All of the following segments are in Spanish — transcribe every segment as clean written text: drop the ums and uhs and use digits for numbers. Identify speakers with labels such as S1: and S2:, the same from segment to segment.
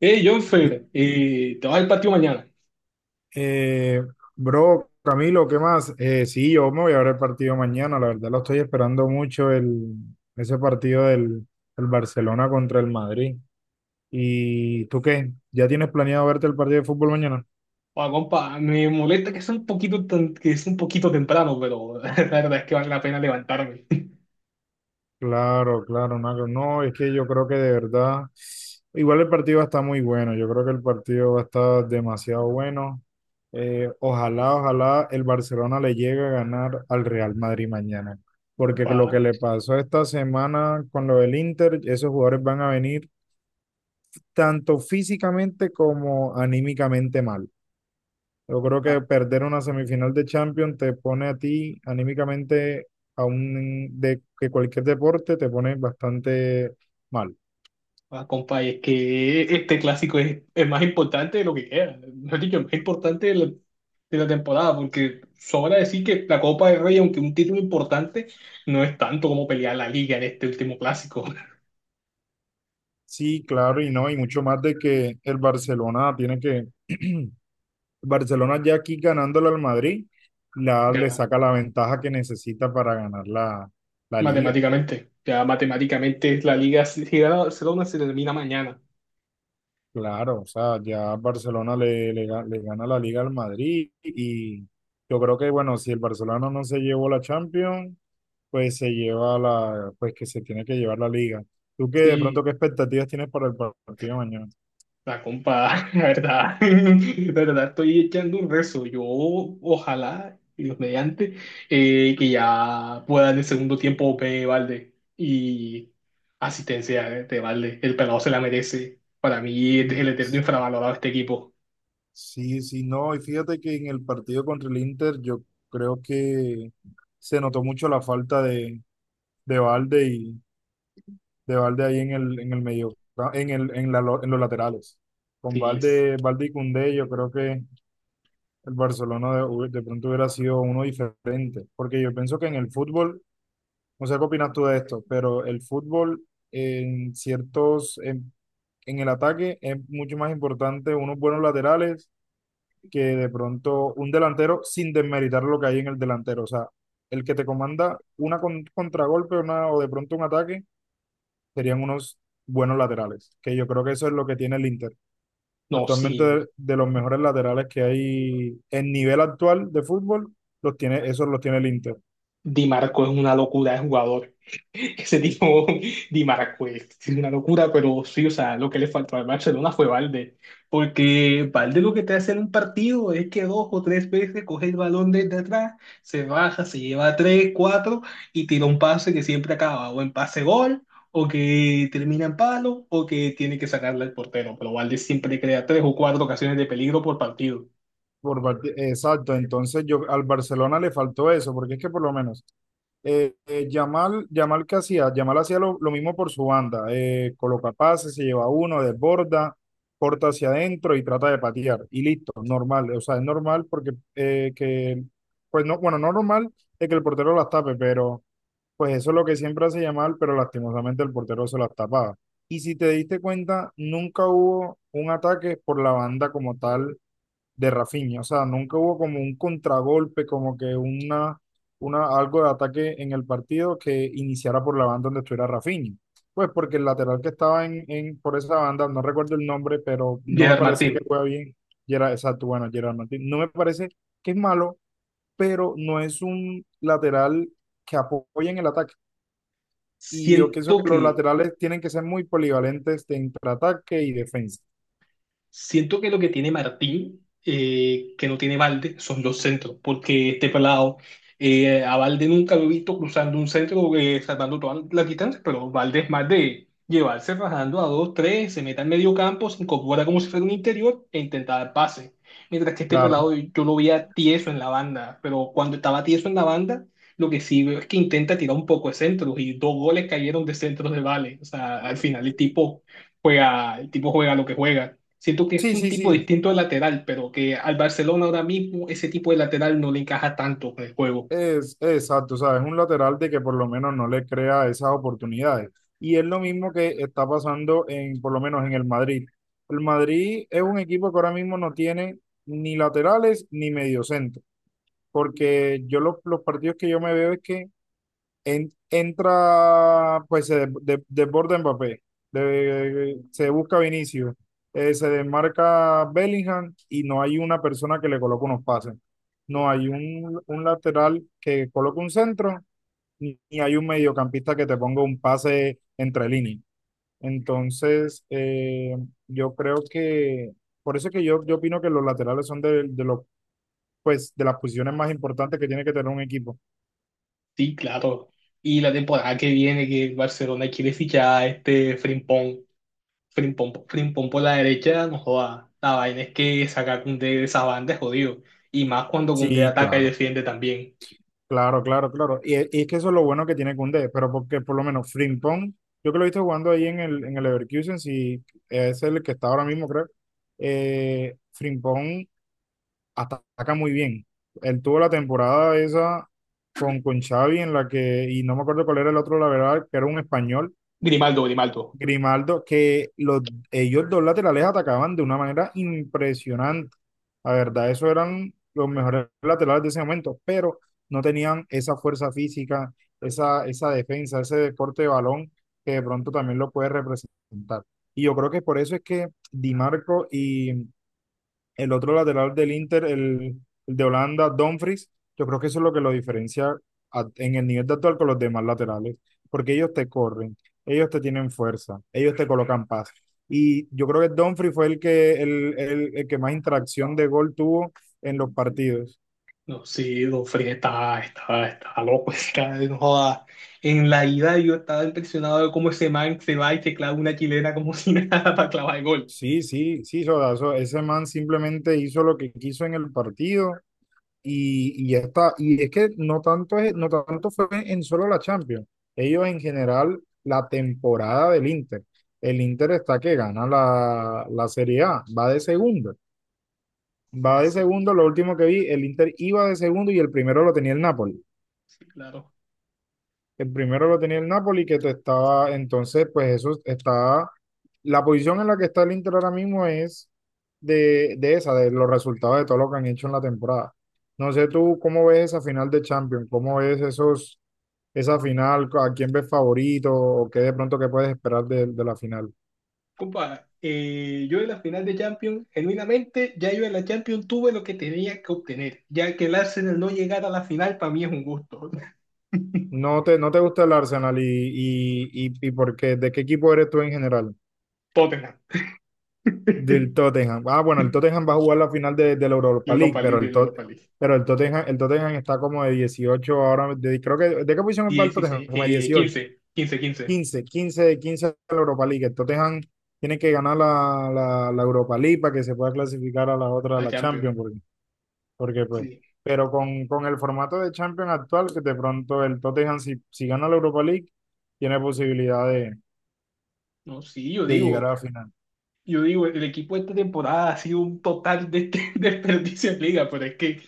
S1: Hey, Jonfer, te vas al patio mañana.
S2: Eh, bro, Camilo, ¿qué más? Sí, yo me voy a ver el partido mañana, la verdad lo estoy esperando mucho, ese partido del Barcelona contra el Madrid. ¿Y tú qué? ¿Ya tienes planeado verte el partido de fútbol mañana?
S1: Oa, compa, me molesta que sea un poquito, que es un poquito temprano, pero la verdad es que vale la pena levantarme.
S2: Claro, claro, Naco. No, es que yo creo que de verdad, igual el partido va a estar muy bueno, yo creo que el partido va a estar demasiado bueno. Ojalá el Barcelona le llegue a ganar al Real Madrid mañana, porque lo
S1: Pa,
S2: que le pasó esta semana con lo del Inter, esos jugadores van a venir tanto físicamente como anímicamente mal. Yo creo que
S1: pa-
S2: perder una semifinal de Champions te pone a ti anímicamente, aún de que cualquier deporte, te pone bastante mal.
S1: pa, compa, y es que este clásico es el más importante de lo que queda. Mejor dicho, el más importante de de la temporada, porque sobra decir que la Copa del Rey, aunque un título importante, no es tanto como pelear la liga en este último clásico.
S2: Sí, claro, y no, y mucho más de que el Barcelona tiene que Barcelona ya aquí ganándole al Madrid, le
S1: Ya,
S2: saca la ventaja que necesita para ganar la liga.
S1: ya matemáticamente la liga si se gana- Barcelona se termina mañana.
S2: Claro, o sea, ya Barcelona le gana la liga al Madrid y yo creo que, bueno, si el Barcelona no se llevó la Champions, pues se lleva pues que se tiene que llevar la liga. ¿Tú qué, de pronto,
S1: Sí.
S2: qué expectativas tienes para el partido de mañana?
S1: La compa, la verdad, la verdad estoy echando un rezo. Yo, ojalá, Dios mediante, que ya pueda en el segundo tiempo ver Valde y asistencia de Valde. El pelado se la merece. Para mí,
S2: Mm.
S1: el eterno infravalorado de este equipo.
S2: Sí, sí, no, y fíjate que en el partido contra el Inter yo creo que se notó mucho la falta de Valde y de Valde ahí en en el medio, en el, en la, lo- en los laterales. Con
S1: Sí,
S2: Valde y Koundé, yo creo que el Barcelona de pronto hubiera sido uno diferente, porque yo pienso que en el fútbol, no sé qué opinas tú de esto, pero el fútbol en ciertos, en, en el ataque es mucho más importante unos buenos laterales que de pronto un delantero sin desmeritar lo que hay en el delantero, o sea, el que te comanda una contragolpe una, o de pronto un ataque serían unos buenos laterales, que yo creo que eso es lo que tiene el Inter.
S1: no,
S2: Actualmente
S1: sí,
S2: de los mejores laterales que hay en nivel actual de fútbol, los tiene, esos los tiene el Inter.
S1: Di Marco es una locura de jugador. Ese tipo Di Marquez, es una locura, pero sí, o sea, lo que le faltó al Barcelona fue Valde, porque Valde lo que te hace en un partido es que dos o tres veces coge el balón desde atrás, se baja, se lleva tres, cuatro y tira un pase que siempre acaba o en pase gol, o que termina en palo, o que tiene que sacarle al portero, pero Valde siempre crea tres o cuatro ocasiones de peligro por partido.
S2: Exacto, entonces yo al Barcelona le faltó eso, porque es que por lo menos Yamal Yamal hacía lo mismo por su banda, coloca pases, se lleva uno, desborda, corta hacia adentro y trata de patear, y listo, normal, o sea, es normal porque pues no, bueno, no normal es que el portero las tape, pero pues eso es lo que siempre hace llamar, pero lastimosamente el portero se las tapaba. Y si te diste cuenta, nunca hubo un ataque por la banda como tal de Rafinha. O sea, nunca hubo como un contragolpe, como que algo de ataque en el partido que iniciara por la banda donde estuviera Rafinha. Pues porque el lateral que estaba por esa banda, no recuerdo el nombre, pero no me
S1: Gerard
S2: parece que
S1: Martín,
S2: juega bien. Gerard, exacto, bueno, Gerard Martín. No me parece que es malo, pero no es un lateral que apoyen el ataque. Y yo pienso
S1: siento
S2: que los
S1: que
S2: laterales tienen que ser muy polivalentes de entre ataque y defensa.
S1: Siento que lo que tiene Martín, que no tiene Valde, son los centros, porque este pelado, a Valde nunca lo he visto cruzando un centro, salvando todas las distancias, pero Valde es más de llevarse rajando a dos, tres, se meta en medio campo, se incorpora como si fuera un interior e intentar dar pase. Mientras que este
S2: Claro.
S1: pelado yo lo veía tieso en la banda, pero cuando estaba tieso en la banda, lo que sí veo es que intenta tirar un poco de centros y dos goles cayeron de centros de Vale. O sea, al final el tipo juega lo que juega. Siento que es
S2: Sí,
S1: un
S2: sí,
S1: tipo
S2: sí.
S1: distinto de lateral, pero que al Barcelona ahora mismo ese tipo de lateral no le encaja tanto con el juego.
S2: Es exacto. O sea, es un lateral de que por lo menos no le crea esas oportunidades. Y es lo mismo que está pasando en, por lo menos en el Madrid. El Madrid es un equipo que ahora mismo no tiene ni laterales ni mediocentro. Porque yo los partidos que yo me veo es que pues desborda Mbappé, se busca Vinicius, se desmarca Bellingham y no hay una persona que le coloque unos pases. No hay un lateral que coloque un centro, ni hay un mediocampista que te ponga un pase entre líneas. Entonces, yo creo que, por eso es que yo opino que los laterales son de las posiciones más importantes que tiene que tener un equipo.
S1: Sí, claro. Y la temporada que viene que el Barcelona quiere fichar a este Frimpong, Frimpong por la derecha, no joda. La vaina es que sacar a Koundé de esa banda es jodido. Y más cuando Koundé
S2: Sí,
S1: ataca y
S2: claro.
S1: defiende también.
S2: Claro, claro, claro. Y es que eso es lo bueno que tiene Koundé, pero porque por lo menos Frimpong, yo que lo he visto jugando ahí en en el Leverkusen, si es el que está ahora mismo, creo, Frimpong ataca muy bien. Él tuvo la temporada esa con Xavi en la que, y no me acuerdo cuál era el otro, la verdad, que era un español
S1: Grimaldo, Grimaldo.
S2: Grimaldo, ellos dos laterales atacaban de una manera impresionante. La verdad, esos eran los mejores laterales de ese momento, pero no tenían esa fuerza física, esa defensa, ese deporte de balón que de pronto también lo puede representar. Y yo creo que por eso es que Di Marco y el otro lateral del Inter, el de Holanda, Dumfries, yo creo que eso es lo que lo diferencia en el nivel de actual con los demás laterales, porque ellos te corren, ellos te tienen fuerza, ellos te colocan paz. Y yo creo que Dumfries fue el que más interacción de gol tuvo en los partidos.
S1: No, sí, Don Freddy está loco, está, no joda. En la ida yo estaba impresionado de cómo ese man se va y se clava una chilena como si nada para clavar el gol.
S2: Sí, sí, sí, Soda, ese man simplemente hizo lo que quiso en el partido. Y ya está. Y es que no tanto, es, no tanto fue en solo la Champions. Ellos en general, la temporada del Inter. El Inter está que gana la Serie A. Va de segundo. Va
S1: Sí,
S2: de
S1: sí,
S2: segundo. Lo último que vi, el Inter iba de segundo y el primero lo tenía el Napoli.
S1: sí, claro.
S2: El primero lo tenía el Napoli, que te estaba, entonces, pues eso está, la posición en la que está el Inter ahora mismo es de los resultados de todo lo que han hecho en la temporada. No sé tú cómo ves esa final de Champions, cómo ves esa final, a quién ves favorito o qué de pronto qué puedes esperar de la final.
S1: Compa, yo en la final de Champions, genuinamente, ya yo en la Champions tuve lo que tenía que obtener. Ya que el Arsenal no llegara a la final, para mí es un gusto.
S2: No te gusta el Arsenal y por qué, ¿de qué equipo eres tú en general?
S1: Tottenham.
S2: Del Tottenham. Ah, bueno, el Tottenham va a jugar la final de la Europa League,
S1: Europa
S2: pero
S1: League, Europa League.
S2: pero el Tottenham está como de 18 ahora, creo que, ¿de qué posición va el Tottenham?
S1: 16,
S2: Como de 18,
S1: 15 quince
S2: 15 de 15 a la Europa League. El Tottenham tiene que ganar la Europa League para que se pueda clasificar a la otra, a
S1: a
S2: la
S1: Champions.
S2: Champions, porque, porque pues,
S1: Sí,
S2: pero con el formato de Champions actual, que de pronto el Tottenham, si gana la Europa League, tiene posibilidad
S1: no, sí,
S2: de llegar a la final,
S1: yo digo, el equipo de esta temporada ha sido un total de desperdicio en liga, pero es que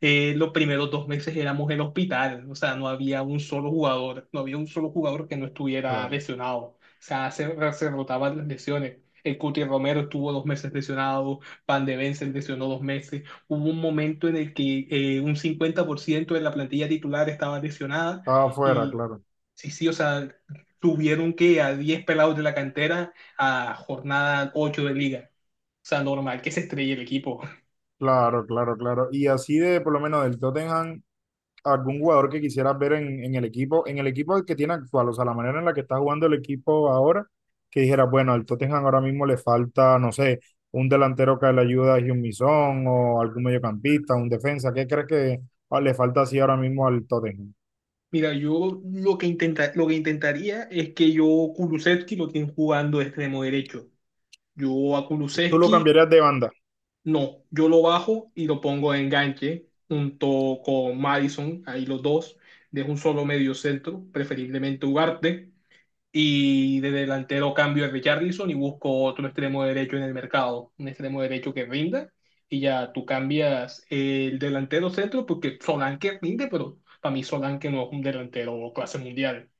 S1: los primeros dos meses éramos el hospital, o sea, no había un solo jugador, no había un solo jugador que no estuviera
S2: claro.
S1: lesionado, o sea, se rotaban las lesiones. El Cuti Romero estuvo dos meses lesionado, Van de Ven se lesionó dos meses. Hubo un momento en el que un 50% de la plantilla titular estaba lesionada
S2: Estaba afuera,
S1: y
S2: claro.
S1: sí, sí, o sea, tuvieron que a 10 pelados de la cantera a jornada 8 de liga. O sea, normal que se estrelle el equipo.
S2: Claro, claro, claro. Y así de, por lo menos del Tottenham, algún jugador que quisieras ver en el equipo que tiene actual, o sea, la manera en la que está jugando el equipo ahora, que dijeras, bueno, al Tottenham ahora mismo le falta, no sé, un delantero que le ayuda a Heung-min Son o algún mediocampista, un defensa, ¿qué crees que le falta así ahora mismo al Tottenham?
S1: Mira, yo lo que, intenta, lo que intentaría es que yo Kulusevski lo tienen jugando de extremo derecho. Yo a
S2: ¿Tú lo
S1: Kulusevski
S2: cambiarías de banda?
S1: no, yo lo bajo y lo pongo de enganche junto con Madison, ahí los dos, de un solo medio centro, preferiblemente Ugarte. Y de delantero cambio a Richarlison y busco otro extremo derecho en el mercado, un extremo derecho que rinda. Y ya tú cambias el delantero centro porque Solanke rinde, pero para mí Solanke no es un delantero clase mundial.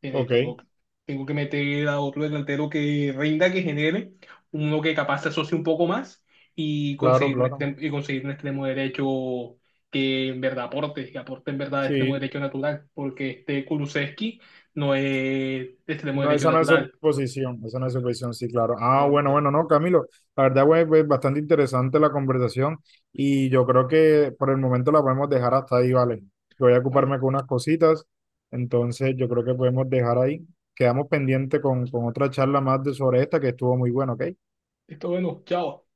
S2: Ok,
S1: Tengo, tengo que meter a otro delantero que rinda, que genere, uno que capaz se asocie un poco más y
S2: claro,
S1: conseguir un
S2: claro.
S1: extremo, y conseguir un extremo derecho que en verdad aporte, que aporte en verdad extremo
S2: Sí.
S1: derecho natural, porque este Kulusevski no es extremo
S2: No,
S1: derecho
S2: esa no es
S1: natural.
S2: oposición, esa no es oposición, sí, claro. Ah, bueno, bueno, no, Camilo, la verdad, güey, pues bastante interesante la conversación y yo creo que por el momento la podemos dejar hasta ahí, ¿vale? Voy a
S1: Vale,
S2: ocuparme con unas cositas, entonces yo creo que podemos dejar ahí. Quedamos pendiente con otra charla más de sobre esta que estuvo muy buena, ¿ok?
S1: esto bueno, chao.